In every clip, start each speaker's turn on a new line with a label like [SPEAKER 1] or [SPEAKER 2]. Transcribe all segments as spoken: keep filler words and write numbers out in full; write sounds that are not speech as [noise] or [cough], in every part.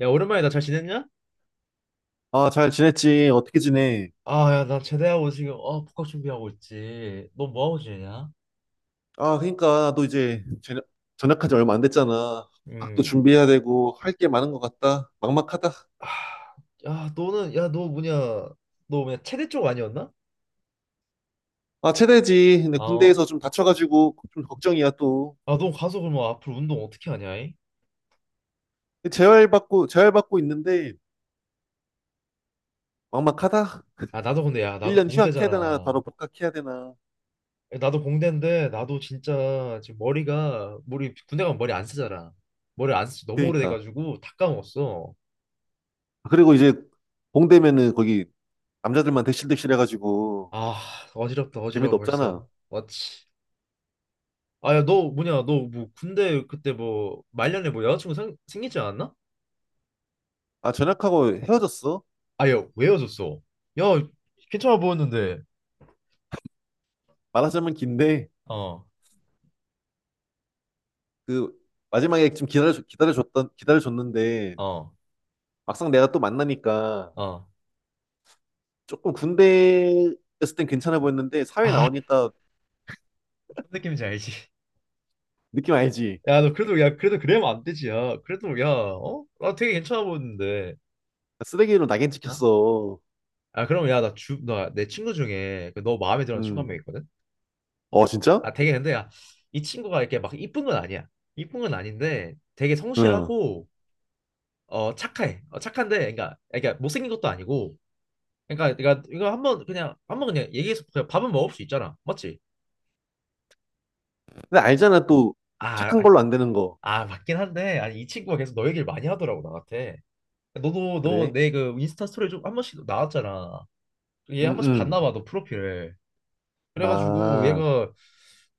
[SPEAKER 1] 야, 오랜만이다. 잘 지냈냐?
[SPEAKER 2] 아, 잘 지냈지? 어떻게 지내?
[SPEAKER 1] 아, 야, 나 제대하고 지금 어, 복학 준비하고 있지. 너 뭐하고 지내냐?
[SPEAKER 2] 아, 그러니까 너 이제 제- 전역한 지 얼마 안 됐잖아. 학도
[SPEAKER 1] 음.
[SPEAKER 2] 준비해야 되고 할 게 많은 것 같다. 막막하다.
[SPEAKER 1] 아, 야, 너는 야, 너 뭐냐? 너 뭐냐? 체대 쪽 아니었나?
[SPEAKER 2] 아, 최대지. 근데
[SPEAKER 1] 아, 어.
[SPEAKER 2] 군대에서 좀 다쳐가지고 좀 걱정이야 또.
[SPEAKER 1] 아, 너 가서 그러면 앞으로 운동 어떻게 하냐? 이?
[SPEAKER 2] 재활 받고 재활 받고 있는데 막막하다.
[SPEAKER 1] 아, 나도 근데 야, 나도
[SPEAKER 2] 일 년 휴학해야 되나
[SPEAKER 1] 공대잖아.
[SPEAKER 2] 바로 복학해야 되나.
[SPEAKER 1] 야, 나도 공대인데 나도 진짜 지금 머리가 머리 군대 가면 머리 안 쓰잖아. 머리 안 쓰지 너무 오래돼
[SPEAKER 2] 그러니까.
[SPEAKER 1] 가지고 다 까먹었어.
[SPEAKER 2] 그리고 이제 공대면은 거기 남자들만 대실대실 해가지고
[SPEAKER 1] 아, 어지럽다. 어지러워
[SPEAKER 2] 재미도
[SPEAKER 1] 벌써.
[SPEAKER 2] 없잖아.
[SPEAKER 1] 맞지. 아야 너 뭐냐 너 뭐 군대 그때 뭐 말년에 뭐 여자친구 생, 생기지 않았나?
[SPEAKER 2] 아, 전역하고 헤어졌어.
[SPEAKER 1] 아야 왜 헤어졌어? 야 괜찮아 보였는데.
[SPEAKER 2] 말하자면 긴데.
[SPEAKER 1] 어.
[SPEAKER 2] 그 마지막에 좀 기다려 기다려줬던 기다려줬는데
[SPEAKER 1] 어.
[SPEAKER 2] 막상 내가 또 만나니까
[SPEAKER 1] 어.
[SPEAKER 2] 조금 군대 있을 땐 괜찮아 보였는데 사회
[SPEAKER 1] 아,
[SPEAKER 2] 나오니까
[SPEAKER 1] 무슨 느낌인지 알지?
[SPEAKER 2] 느낌 알지?
[SPEAKER 1] 야 너 그래도 야 그래도 그래면 안 되지 야 그래도 야 어? 나 되게 괜찮아 보였는데.
[SPEAKER 2] 쓰레기로 낙인
[SPEAKER 1] 어?
[SPEAKER 2] 찍혔어.
[SPEAKER 1] 아 그럼 야나주나내 친구 중에 그 너 마음에 드는 친구 한
[SPEAKER 2] 음.
[SPEAKER 1] 명 있거든?
[SPEAKER 2] 어 진짜?
[SPEAKER 1] 아 되게 근데 야, 이 친구가 이렇게 막 이쁜 건 아니야. 이쁜 건 아닌데 되게
[SPEAKER 2] 응.
[SPEAKER 1] 성실하고 어 착해 어 착한데 그러니까 그러니까 못생긴 것도 아니고 그러니까 내가 이거 한번 그냥 한번 그냥 얘기해서 그냥 밥은 먹을 수 있잖아. 맞지?
[SPEAKER 2] 근데 알잖아 또
[SPEAKER 1] 아,
[SPEAKER 2] 착한
[SPEAKER 1] 아,
[SPEAKER 2] 걸로 안 되는 거.
[SPEAKER 1] 아, 맞긴 한데 아니 이 친구가 계속 너 얘기를 많이 하더라고 나한테. 너도 너
[SPEAKER 2] 그래?
[SPEAKER 1] 내 그 인스타 스토리 좀 한 번씩 나왔잖아. 얘
[SPEAKER 2] 응,
[SPEAKER 1] 한 번씩
[SPEAKER 2] 응.
[SPEAKER 1] 봤나 봐 너 프로필을. 그래가지고
[SPEAKER 2] 아
[SPEAKER 1] 얘가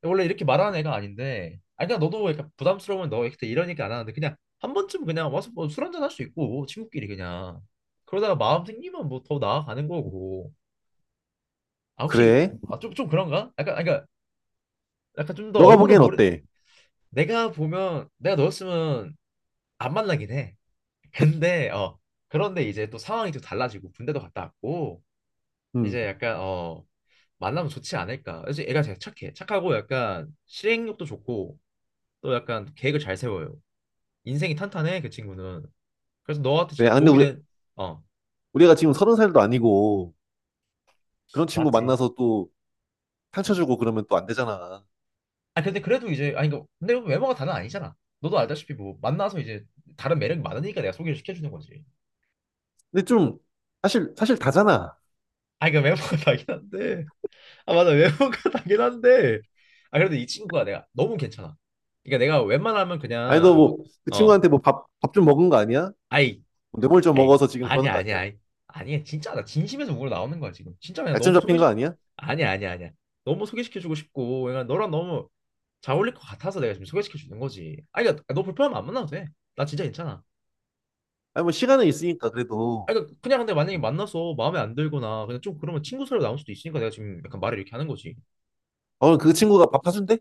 [SPEAKER 1] 원래 이렇게 말하는 애가 아닌데 아니 그냥 너도 약간 부담스러우면 너 그때 이러니까 안 하는데 그냥 한 번쯤 그냥 와서 뭐 술 한 잔 할 수 있고 친구끼리 그냥 그러다가 마음 생기면 뭐 더 나아가는 거고. 아 혹시.
[SPEAKER 2] 그래?
[SPEAKER 1] 아 좀 좀 그런가? 약간 아, 그러니까 약간 좀 더
[SPEAKER 2] 너가
[SPEAKER 1] 얼굴을
[SPEAKER 2] 보기엔
[SPEAKER 1] 모르.
[SPEAKER 2] 어때?
[SPEAKER 1] 내가 보면 내가 너였으면 안 만나긴 해. 근데 어, 그런데 이제 또 상황이 또 달라지고 군대도 갔다 왔고
[SPEAKER 2] 응.
[SPEAKER 1] 이제 약간 어, 만나면 좋지 않을까. 그래서 애가 되게 착해. 착하고 약간 실행력도 좋고 또 약간 계획을 잘 세워요. 인생이 탄탄해 그 친구는. 그래서 너한테
[SPEAKER 2] 그래.
[SPEAKER 1] 진짜
[SPEAKER 2] 아 근데
[SPEAKER 1] 도움이
[SPEAKER 2] 우리
[SPEAKER 1] 된. 어.
[SPEAKER 2] 우리가 지금 서른 살도 아니고 그런 친구
[SPEAKER 1] 맞지.
[SPEAKER 2] 만나서 또 상처 주고 그러면 또 안 되잖아.
[SPEAKER 1] 아 근데 그래도 이제 아니 그 근데 외모가 다는 아니잖아. 너도 알다시피 뭐 만나서 이제 다른 매력이 많으니까 내가 소개를 시켜주는 거지.
[SPEAKER 2] 근데 좀 사실 사실 다잖아.
[SPEAKER 1] 아니 그 외모가 [laughs] 다긴 한데 아 맞아 외모가 [laughs] 당연한데 아 그래도 이 친구가 내가 너무 괜찮아. 그러니까 내가 웬만하면
[SPEAKER 2] 아니 너
[SPEAKER 1] 그냥 뭐,
[SPEAKER 2] 뭐 그
[SPEAKER 1] 어,
[SPEAKER 2] 친구한테 뭐 밥 밥 좀 먹은 거 아니야?
[SPEAKER 1] 아이,
[SPEAKER 2] 뭐 뇌물 좀
[SPEAKER 1] 아이
[SPEAKER 2] 먹어서 지금 그러는
[SPEAKER 1] 아니야
[SPEAKER 2] 거
[SPEAKER 1] 아니야
[SPEAKER 2] 아니야?
[SPEAKER 1] 아이 아니야 진짜 나 진심에서 우러 나오는 거야 지금 진짜 그냥
[SPEAKER 2] 약점
[SPEAKER 1] 너무
[SPEAKER 2] 잡힌 거
[SPEAKER 1] 소개시.
[SPEAKER 2] 아니야?
[SPEAKER 1] 아니야 아니야 아니야, 너무 소개시켜주고 싶고 그냥 너랑 너무 잘 어울릴 것 같아서 내가 지금 소개시켜주는 거지. 아 그러니까 아, 너 불편하면 안 만나도 돼. 나 진짜 괜찮아.
[SPEAKER 2] 아니 뭐 시간은 있으니까 그래도
[SPEAKER 1] 아 그러니까 그냥 근데 만약에
[SPEAKER 2] 음.
[SPEAKER 1] 만나서 마음에 안 들거나 그냥 좀 그러면 친구 사로 나올 수도 있으니까 내가 지금 약간 말을 이렇게 하는 거지.
[SPEAKER 2] 어 그 친구가 밥 사준대?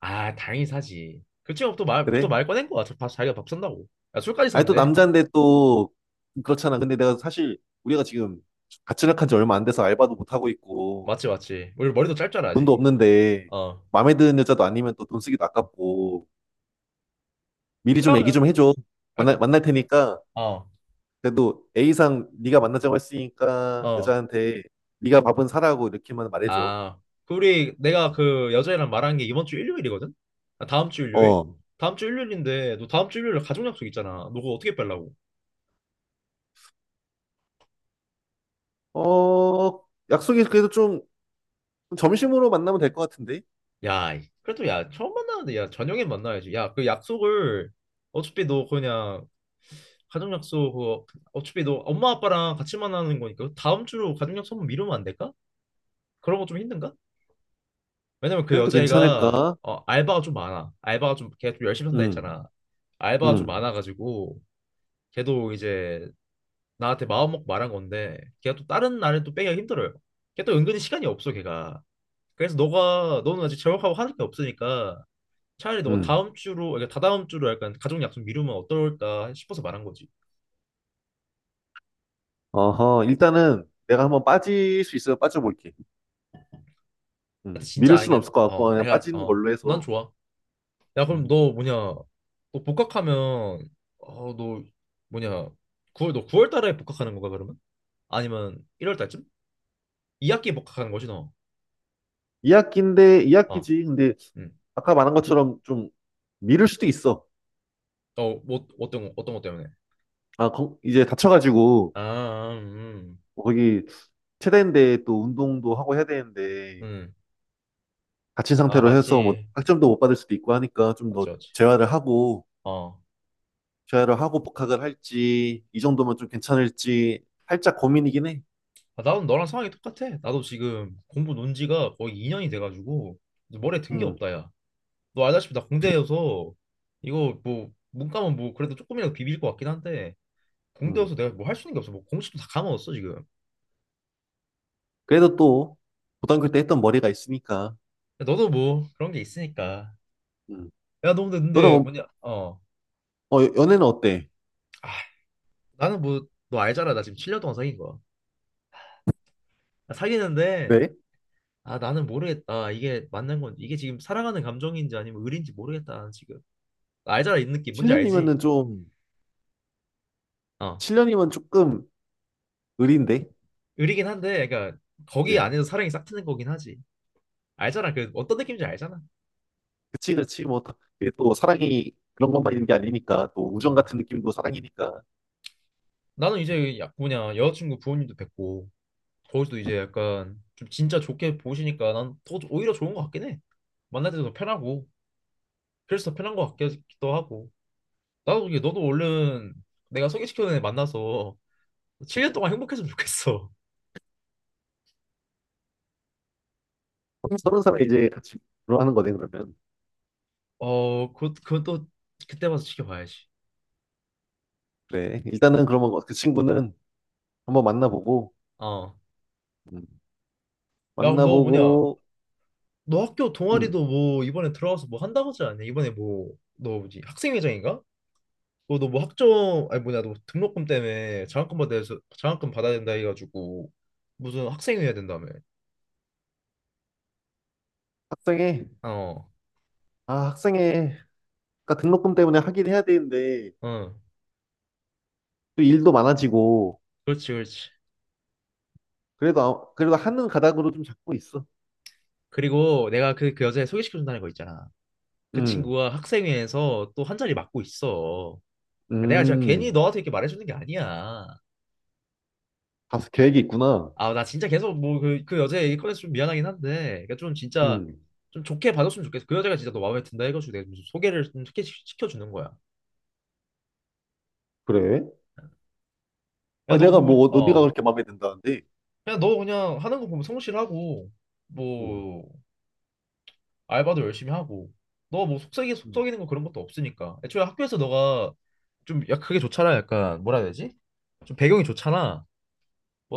[SPEAKER 1] 아, 당연히 사지. 그 친구 또 말, 또
[SPEAKER 2] 그래?
[SPEAKER 1] 말 꺼낸 거야. 저 밥, 자기가 밥 산다고. 야, 술까지
[SPEAKER 2] 아니 또
[SPEAKER 1] 산대.
[SPEAKER 2] 남자인데 또 그렇잖아. 근데 내가 사실 우리가 지금 같이 나간 한지 얼마 안 돼서 알바도 못 하고 있고
[SPEAKER 1] 맞지, 맞지. 우리 머리도 짧잖아,
[SPEAKER 2] 돈도
[SPEAKER 1] 아직.
[SPEAKER 2] 없는데
[SPEAKER 1] 어.
[SPEAKER 2] 마음에 드는 여자도 아니면 또 돈 쓰기도 아깝고 미리 좀 얘기
[SPEAKER 1] 그냥,
[SPEAKER 2] 좀 해줘.
[SPEAKER 1] 아, 그-
[SPEAKER 2] 만날 만날 테니까
[SPEAKER 1] 어,
[SPEAKER 2] 그래도 A상 네가 만나자고 했으니까
[SPEAKER 1] 어.
[SPEAKER 2] 여자한테 네가 밥은 사라고 이렇게만 말해줘.
[SPEAKER 1] 아, 그 우리, 내가 그 여자애랑 말한 게 이번 주 일요일이거든? 아, 다음 주 일요일?
[SPEAKER 2] 어,
[SPEAKER 1] 다음 주 일요일인데, 너 다음 주 일요일에 가족 약속 있잖아. 너 그거 어떻게 빼려고?
[SPEAKER 2] 어, 약속이 그래도 좀 점심으로 만나면 될 것 같은데?
[SPEAKER 1] 야, 이- 그래도 야, 처음 만나는데, 야, 저녁엔 만나야지. 야, 그 약속을, 어차피 너 그냥, 가족 약속, 그거 어차피 너 엄마 아빠랑 같이 만나는 거니까 다음 주로 가족 약속 한번 미루면 안 될까? 그런 거 좀 힘든가? 왜냐면 그
[SPEAKER 2] 그래도
[SPEAKER 1] 여자애가
[SPEAKER 2] 괜찮을까?
[SPEAKER 1] 어, 알바가 좀 많아. 알바가 좀 걔 좀 열심히 산다
[SPEAKER 2] 응,
[SPEAKER 1] 했잖아. 알바가 좀
[SPEAKER 2] 응,
[SPEAKER 1] 많아가지고 걔도 이제 나한테 마음 먹고 말한 건데 걔가 또 다른 날은 또 빼기가 힘들어요. 걔 또 은근히 시간이 없어 걔가. 그래서 너가 너는 아직 재work하고 하는 게 없으니까 차라리 너가
[SPEAKER 2] 응.
[SPEAKER 1] 다음 주로 그러니까 다다음 주로 약간 가족 약속 미루면 어떨까 싶어서 말한 거지.
[SPEAKER 2] 어허, 일단은 내가 한번 빠질 수 있으면 빠져볼게.
[SPEAKER 1] 근데
[SPEAKER 2] 응.
[SPEAKER 1] 진짜
[SPEAKER 2] 미룰 수는
[SPEAKER 1] 아니가
[SPEAKER 2] 없을 것 같고
[SPEAKER 1] 어
[SPEAKER 2] 그냥
[SPEAKER 1] 내가
[SPEAKER 2] 빠지는 걸로
[SPEAKER 1] 어넌
[SPEAKER 2] 해서.
[SPEAKER 1] 좋아. 야, 그럼
[SPEAKER 2] 응.
[SPEAKER 1] 너 뭐냐? 너 복학하면 어, 너 뭐냐? 구월 너 구월 달에 복학하는 건가 그러면? 아니면 일월 달쯤? 이 학기에 복학하는 거지 너.
[SPEAKER 2] 이 학기인데
[SPEAKER 1] 아,
[SPEAKER 2] 이 학기지. 근데
[SPEAKER 1] 음.
[SPEAKER 2] 아까 말한 것처럼 좀 미룰 수도 있어.
[SPEAKER 1] 어, 뭐 어떤 거- 어떤 것 때문에?
[SPEAKER 2] 아, 거- 이제 다쳐가지고
[SPEAKER 1] 아, 음.
[SPEAKER 2] 뭐 거기 체대인데 또 운동도 하고 해야 되는데
[SPEAKER 1] 음. 음.
[SPEAKER 2] 다친
[SPEAKER 1] 아,
[SPEAKER 2] 상태로 해서 뭐
[SPEAKER 1] 맞지.
[SPEAKER 2] 학점도 못 받을 수도 있고 하니까 좀 더
[SPEAKER 1] 맞지, 맞지.
[SPEAKER 2] 재활을 하고
[SPEAKER 1] 어.
[SPEAKER 2] 재회를 하고 복학을 할지 이 정도면 좀 괜찮을지 살짝 고민이긴 해.
[SPEAKER 1] 아, 나도 너랑 상황이 똑같아. 나도 지금 공부 논 지가 거의 이 년이 돼 가지고 머리에 든게
[SPEAKER 2] 음,
[SPEAKER 1] 없다, 야. 너 알다시피 나 공대여서 이거 뭐 문과면 뭐 그래도 조금이라도 비빌 것 같긴 한데
[SPEAKER 2] 음.
[SPEAKER 1] 공대여서 내가 뭐 할 수 있는 게 없어. 뭐 공식도 다 까먹었어 지금. 야,
[SPEAKER 2] 그래도 또 고등학교 때 했던 머리가 있으니까.
[SPEAKER 1] 너도 뭐 그런 게 있으니까.
[SPEAKER 2] 음.
[SPEAKER 1] 야, 너 근데 근데
[SPEAKER 2] 너는
[SPEAKER 1] 뭐냐? 어.
[SPEAKER 2] 어, 어, 연애는 어때?
[SPEAKER 1] 아, 나는 뭐 너 알잖아. 나 지금 칠 년 동안 사귄 거야. 나 사귀는데
[SPEAKER 2] 네?
[SPEAKER 1] 아 나는 모르겠다. 이게 맞는 건 이게 지금 사랑하는 감정인지 아니면 의리인지 모르겠다. 나는 지금 나 알잖아 이 느낌 뭔지 알지?
[SPEAKER 2] 칠 년이면은 좀
[SPEAKER 1] 어.
[SPEAKER 2] 칠 년이면 조금 의리인데.
[SPEAKER 1] 의리긴 한데 그러니까 거기
[SPEAKER 2] 이제
[SPEAKER 1] 안에서 사랑이 싹 트는 거긴 하지. 알잖아. 그 어떤 느낌인지 알잖아.
[SPEAKER 2] 그치 그치 뭐 다- 이게 또 사랑이 그런 것만 있는 게 아니니까 또 우정
[SPEAKER 1] 음.
[SPEAKER 2] 같은 느낌도 사랑이니까
[SPEAKER 1] 나는 이제 야, 뭐냐 여자친구 부모님도 뵙고 거기서도 이제 약간 좀 진짜 좋게 보시니까 난 더 오히려 좋은 것 같긴 해. 만날 때도 더 편하고 그래서 더 편한 것 같기도 하고 나도 그게 너도 얼른 내가 소개시켜준 애 만나서 칠 년 동안 행복했으면 좋겠어.
[SPEAKER 2] 서른 살에 이제 같이 결혼하는 거네 그러면.
[SPEAKER 1] [laughs] 어, 그, 그건 또 그때 봐서 지켜봐야지.
[SPEAKER 2] 그래 일단은 그러면 뭐 그 친구는 한번 만나보고
[SPEAKER 1] 어.
[SPEAKER 2] 음,
[SPEAKER 1] 야, 그럼 너 뭐냐?
[SPEAKER 2] 만나보고
[SPEAKER 1] 너 학교
[SPEAKER 2] 음,
[SPEAKER 1] 동아리도 뭐 이번에 들어가서 뭐 한다고 하지 않냐? 이번에 뭐 너 뭐지? 학생회장인가? 너 너 뭐 학점 아니 뭐냐? 너 등록금 때문에 장학금 받아야 장학금 받아야 된다 해가지고 무슨 학생회 해야 된다며.
[SPEAKER 2] 합성해.
[SPEAKER 1] 어,
[SPEAKER 2] 아, 학생회, 그러니까 등록금 때문에 하긴 해야 되는데,
[SPEAKER 1] 어,
[SPEAKER 2] 또 일도 많아지고,
[SPEAKER 1] 그렇지, 그렇지.
[SPEAKER 2] 그래도, 아- 그래도 하는 가닥으로 좀 잡고 있어.
[SPEAKER 1] 그리고 내가 그, 그 여자애 소개시켜준다는 거 있잖아. 그
[SPEAKER 2] 음,
[SPEAKER 1] 친구가 학생회에서 또 한 자리 맡고 있어. 아, 내가 진짜 괜히
[SPEAKER 2] 음,
[SPEAKER 1] 너한테 이렇게 말해주는 게 아니야.
[SPEAKER 2] 다수 계획이 있구나.
[SPEAKER 1] 아, 나 진짜 계속 뭐 그, 그 여자 얘기 꺼내서 좀 미안하긴 한데, 그러니까 좀 진짜
[SPEAKER 2] 음,
[SPEAKER 1] 좀 좋게 받았으면 좋겠어. 그 여자가 진짜 너 마음에 든다 해가지고 내가 좀 소개를 좀 시켜- 시켜주는 거야.
[SPEAKER 2] 그래?
[SPEAKER 1] 야,
[SPEAKER 2] 아니,
[SPEAKER 1] 너
[SPEAKER 2] 내가
[SPEAKER 1] 그거, 뭐-
[SPEAKER 2] 뭐, 어- 어디가
[SPEAKER 1] 어,
[SPEAKER 2] 그렇게 마음에 든다는데?
[SPEAKER 1] 그냥 너 그냥 하는 거 보면 성실하고,
[SPEAKER 2] 음,
[SPEAKER 1] 뭐, 알바도 열심히 하고 너 뭐 속썩이 속
[SPEAKER 2] 음,
[SPEAKER 1] 삭이는 거 그런 것도 없으니까 애초에 학교에서 너가 좀 야 그게 좋잖아 약간 뭐라 해야 되지 좀 배경이 좋잖아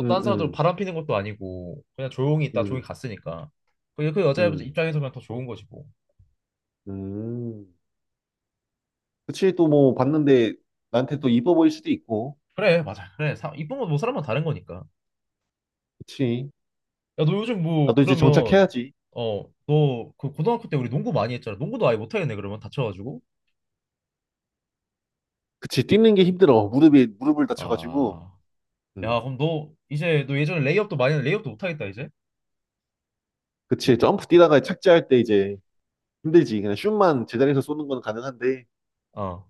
[SPEAKER 2] 음,
[SPEAKER 1] 딴 사람들
[SPEAKER 2] 음,
[SPEAKER 1] 바람 피는 것도 아니고 그냥 조용히 있다 조용히
[SPEAKER 2] 음,
[SPEAKER 1] 갔으니까 그게 그 여자
[SPEAKER 2] 음.
[SPEAKER 1] 입장에서 그냥 더 좋은 거지 뭐.
[SPEAKER 2] 음. 그치, 또 뭐, 봤는데, 나한테 또 이뻐 보일 수도 있고,
[SPEAKER 1] 그래 맞아 그래 사, 이쁜 건 뭐 사람마다 다른 거니까.
[SPEAKER 2] 그치.
[SPEAKER 1] 야 너 요즘 뭐
[SPEAKER 2] 나도 이제
[SPEAKER 1] 그러면.
[SPEAKER 2] 정착해야지.
[SPEAKER 1] 어 너 그 고등학교 때 우리 농구 많이 했잖아. 농구도 아예 못하겠네 그러면 다쳐가지고.
[SPEAKER 2] 그치, 뛰는 게 힘들어. 무릎이, 무릎을 다쳐가지고.
[SPEAKER 1] 아.
[SPEAKER 2] 음.
[SPEAKER 1] 야 그럼 너 이제 너 예전에 레이업도 많이 했는데 레이업도 못하겠다 이제.
[SPEAKER 2] 그치 점프 뛰다가 착지할 때 이제 힘들지. 그냥 슛만 제자리에서 쏘는 건 가능한데
[SPEAKER 1] 어.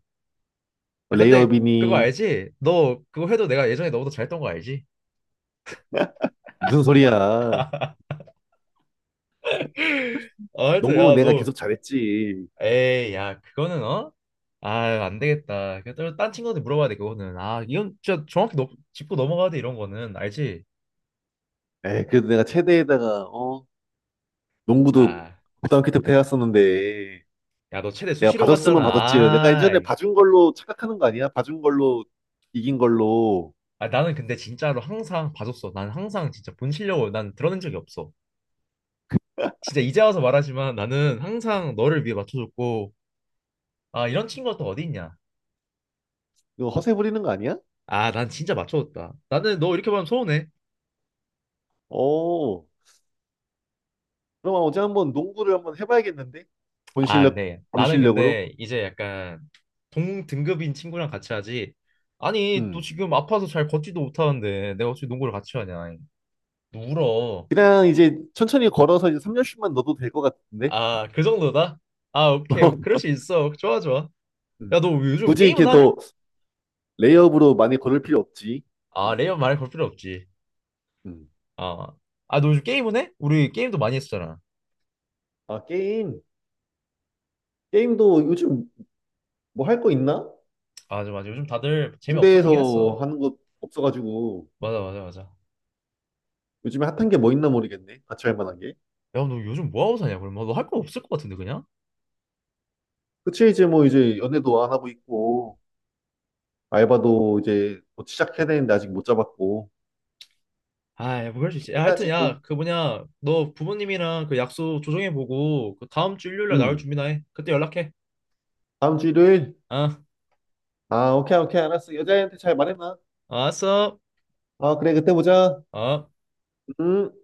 [SPEAKER 1] 아,
[SPEAKER 2] 뭐
[SPEAKER 1] 근데 그거
[SPEAKER 2] 레이업이니
[SPEAKER 1] 알지? 너 그거 해도 내가 예전에 너보다 잘했던 거 알지?
[SPEAKER 2] 무슨 소리야.
[SPEAKER 1] 아, 하여튼
[SPEAKER 2] 농구는
[SPEAKER 1] 야,
[SPEAKER 2] 내가
[SPEAKER 1] 너.
[SPEAKER 2] 계속 잘했지.
[SPEAKER 1] 에이, 야, 그거는 어? 아, 안 되겠다. 그딴 딴 친구한테 물어봐야 돼, 그거는. 아, 이건 진짜 정확히 너, 짚고 넘어가야 돼, 이런 거는. 알지?
[SPEAKER 2] 에이, 그래도 내가 체대에다가 어 농구도
[SPEAKER 1] 아,
[SPEAKER 2] 고등학교 때부터 해왔었는데
[SPEAKER 1] 야, 너 최대
[SPEAKER 2] 내가
[SPEAKER 1] 수시로 갔잖아.
[SPEAKER 2] 봐줬으면 봐줬지. 내가 예전에
[SPEAKER 1] 아이.
[SPEAKER 2] 봐준 걸로 착각하는 거 아니야? 봐준 걸로 이긴 걸로
[SPEAKER 1] 아, 나는 근데 진짜로 항상 봐줬어. 난 항상 진짜 본 실력을 난 드러낸 적이 없어. 진짜 이제 와서 말하지만 나는 항상 너를 위해 맞춰줬고, 아, 이런 친구가 또 어디 있냐?
[SPEAKER 2] 이거 허세 부리는 거 아니야?
[SPEAKER 1] 아, 난 진짜 맞춰줬다. 나는 너 이렇게 보면 서운해.
[SPEAKER 2] 어 그럼 어제 한번 농구를 한번 해봐야겠는데 본
[SPEAKER 1] 아,
[SPEAKER 2] 실력
[SPEAKER 1] 네.
[SPEAKER 2] 본
[SPEAKER 1] 나는
[SPEAKER 2] 실력으로.
[SPEAKER 1] 근데 이제 약간 동등급인 친구랑 같이 하지. 아니, 또
[SPEAKER 2] 음
[SPEAKER 1] 지금 아파서 잘 걷지도 못하는데 내가 어떻게 농구를 같이 하냐. 너 울어.
[SPEAKER 2] 그냥 이제 천천히 걸어서 이제 삼 년 슛만 넣어도 될 것 같은데.
[SPEAKER 1] 아, 그 정도다? 아, 오케이.
[SPEAKER 2] [laughs]
[SPEAKER 1] 그럴 수 있어. 좋아, 좋아.
[SPEAKER 2] 음.
[SPEAKER 1] 야, 너 요즘
[SPEAKER 2] 굳이
[SPEAKER 1] 게임은
[SPEAKER 2] 이렇게
[SPEAKER 1] 하냐?
[SPEAKER 2] 더 레이업으로 많이 걸을 필요 없지.
[SPEAKER 1] 아,
[SPEAKER 2] 음.
[SPEAKER 1] 레이업 말해 볼 필요 없지.
[SPEAKER 2] 음.
[SPEAKER 1] 아, 아, 너 요즘 게임은 해? 우리 게임도 많이 했었잖아.
[SPEAKER 2] 아, 게임. 게임도 요즘 뭐 할 거 있나?
[SPEAKER 1] 맞아, 맞아. 요즘 다들 재미 없어지긴 했어.
[SPEAKER 2] 군대에서 하는 거 없어가지고
[SPEAKER 1] 맞아, 맞아, 맞아.
[SPEAKER 2] 요즘에 핫한 게 뭐 있나 모르겠네. 같이 할 만한 게.
[SPEAKER 1] 야, 너 요즘 뭐 하고 사냐? 그러면 너 할 거 없을 것 같은데, 그냥?
[SPEAKER 2] 그치, 이제 뭐 이제 연애도 안 하고 있고, 알바도 이제 뭐 시작해야 되는데 아직 못 잡았고.
[SPEAKER 1] 아, 뭐 그럴 수 있지. 야, 하여튼
[SPEAKER 2] 해야지 또.
[SPEAKER 1] 야, 그 뭐냐, 너 부모님이랑 그 약속 조정해 보고 그 다음 주 일요일 날 나올
[SPEAKER 2] 음.
[SPEAKER 1] 준비나 해. 그때 연락해.
[SPEAKER 2] 다음 주 일요일?
[SPEAKER 1] 아,
[SPEAKER 2] 아, 오케이, 오케이, 알았어. 여자애한테 잘 말해놔.
[SPEAKER 1] 알았어.
[SPEAKER 2] 아, 그래, 그때 보자.
[SPEAKER 1] 어.
[SPEAKER 2] 음.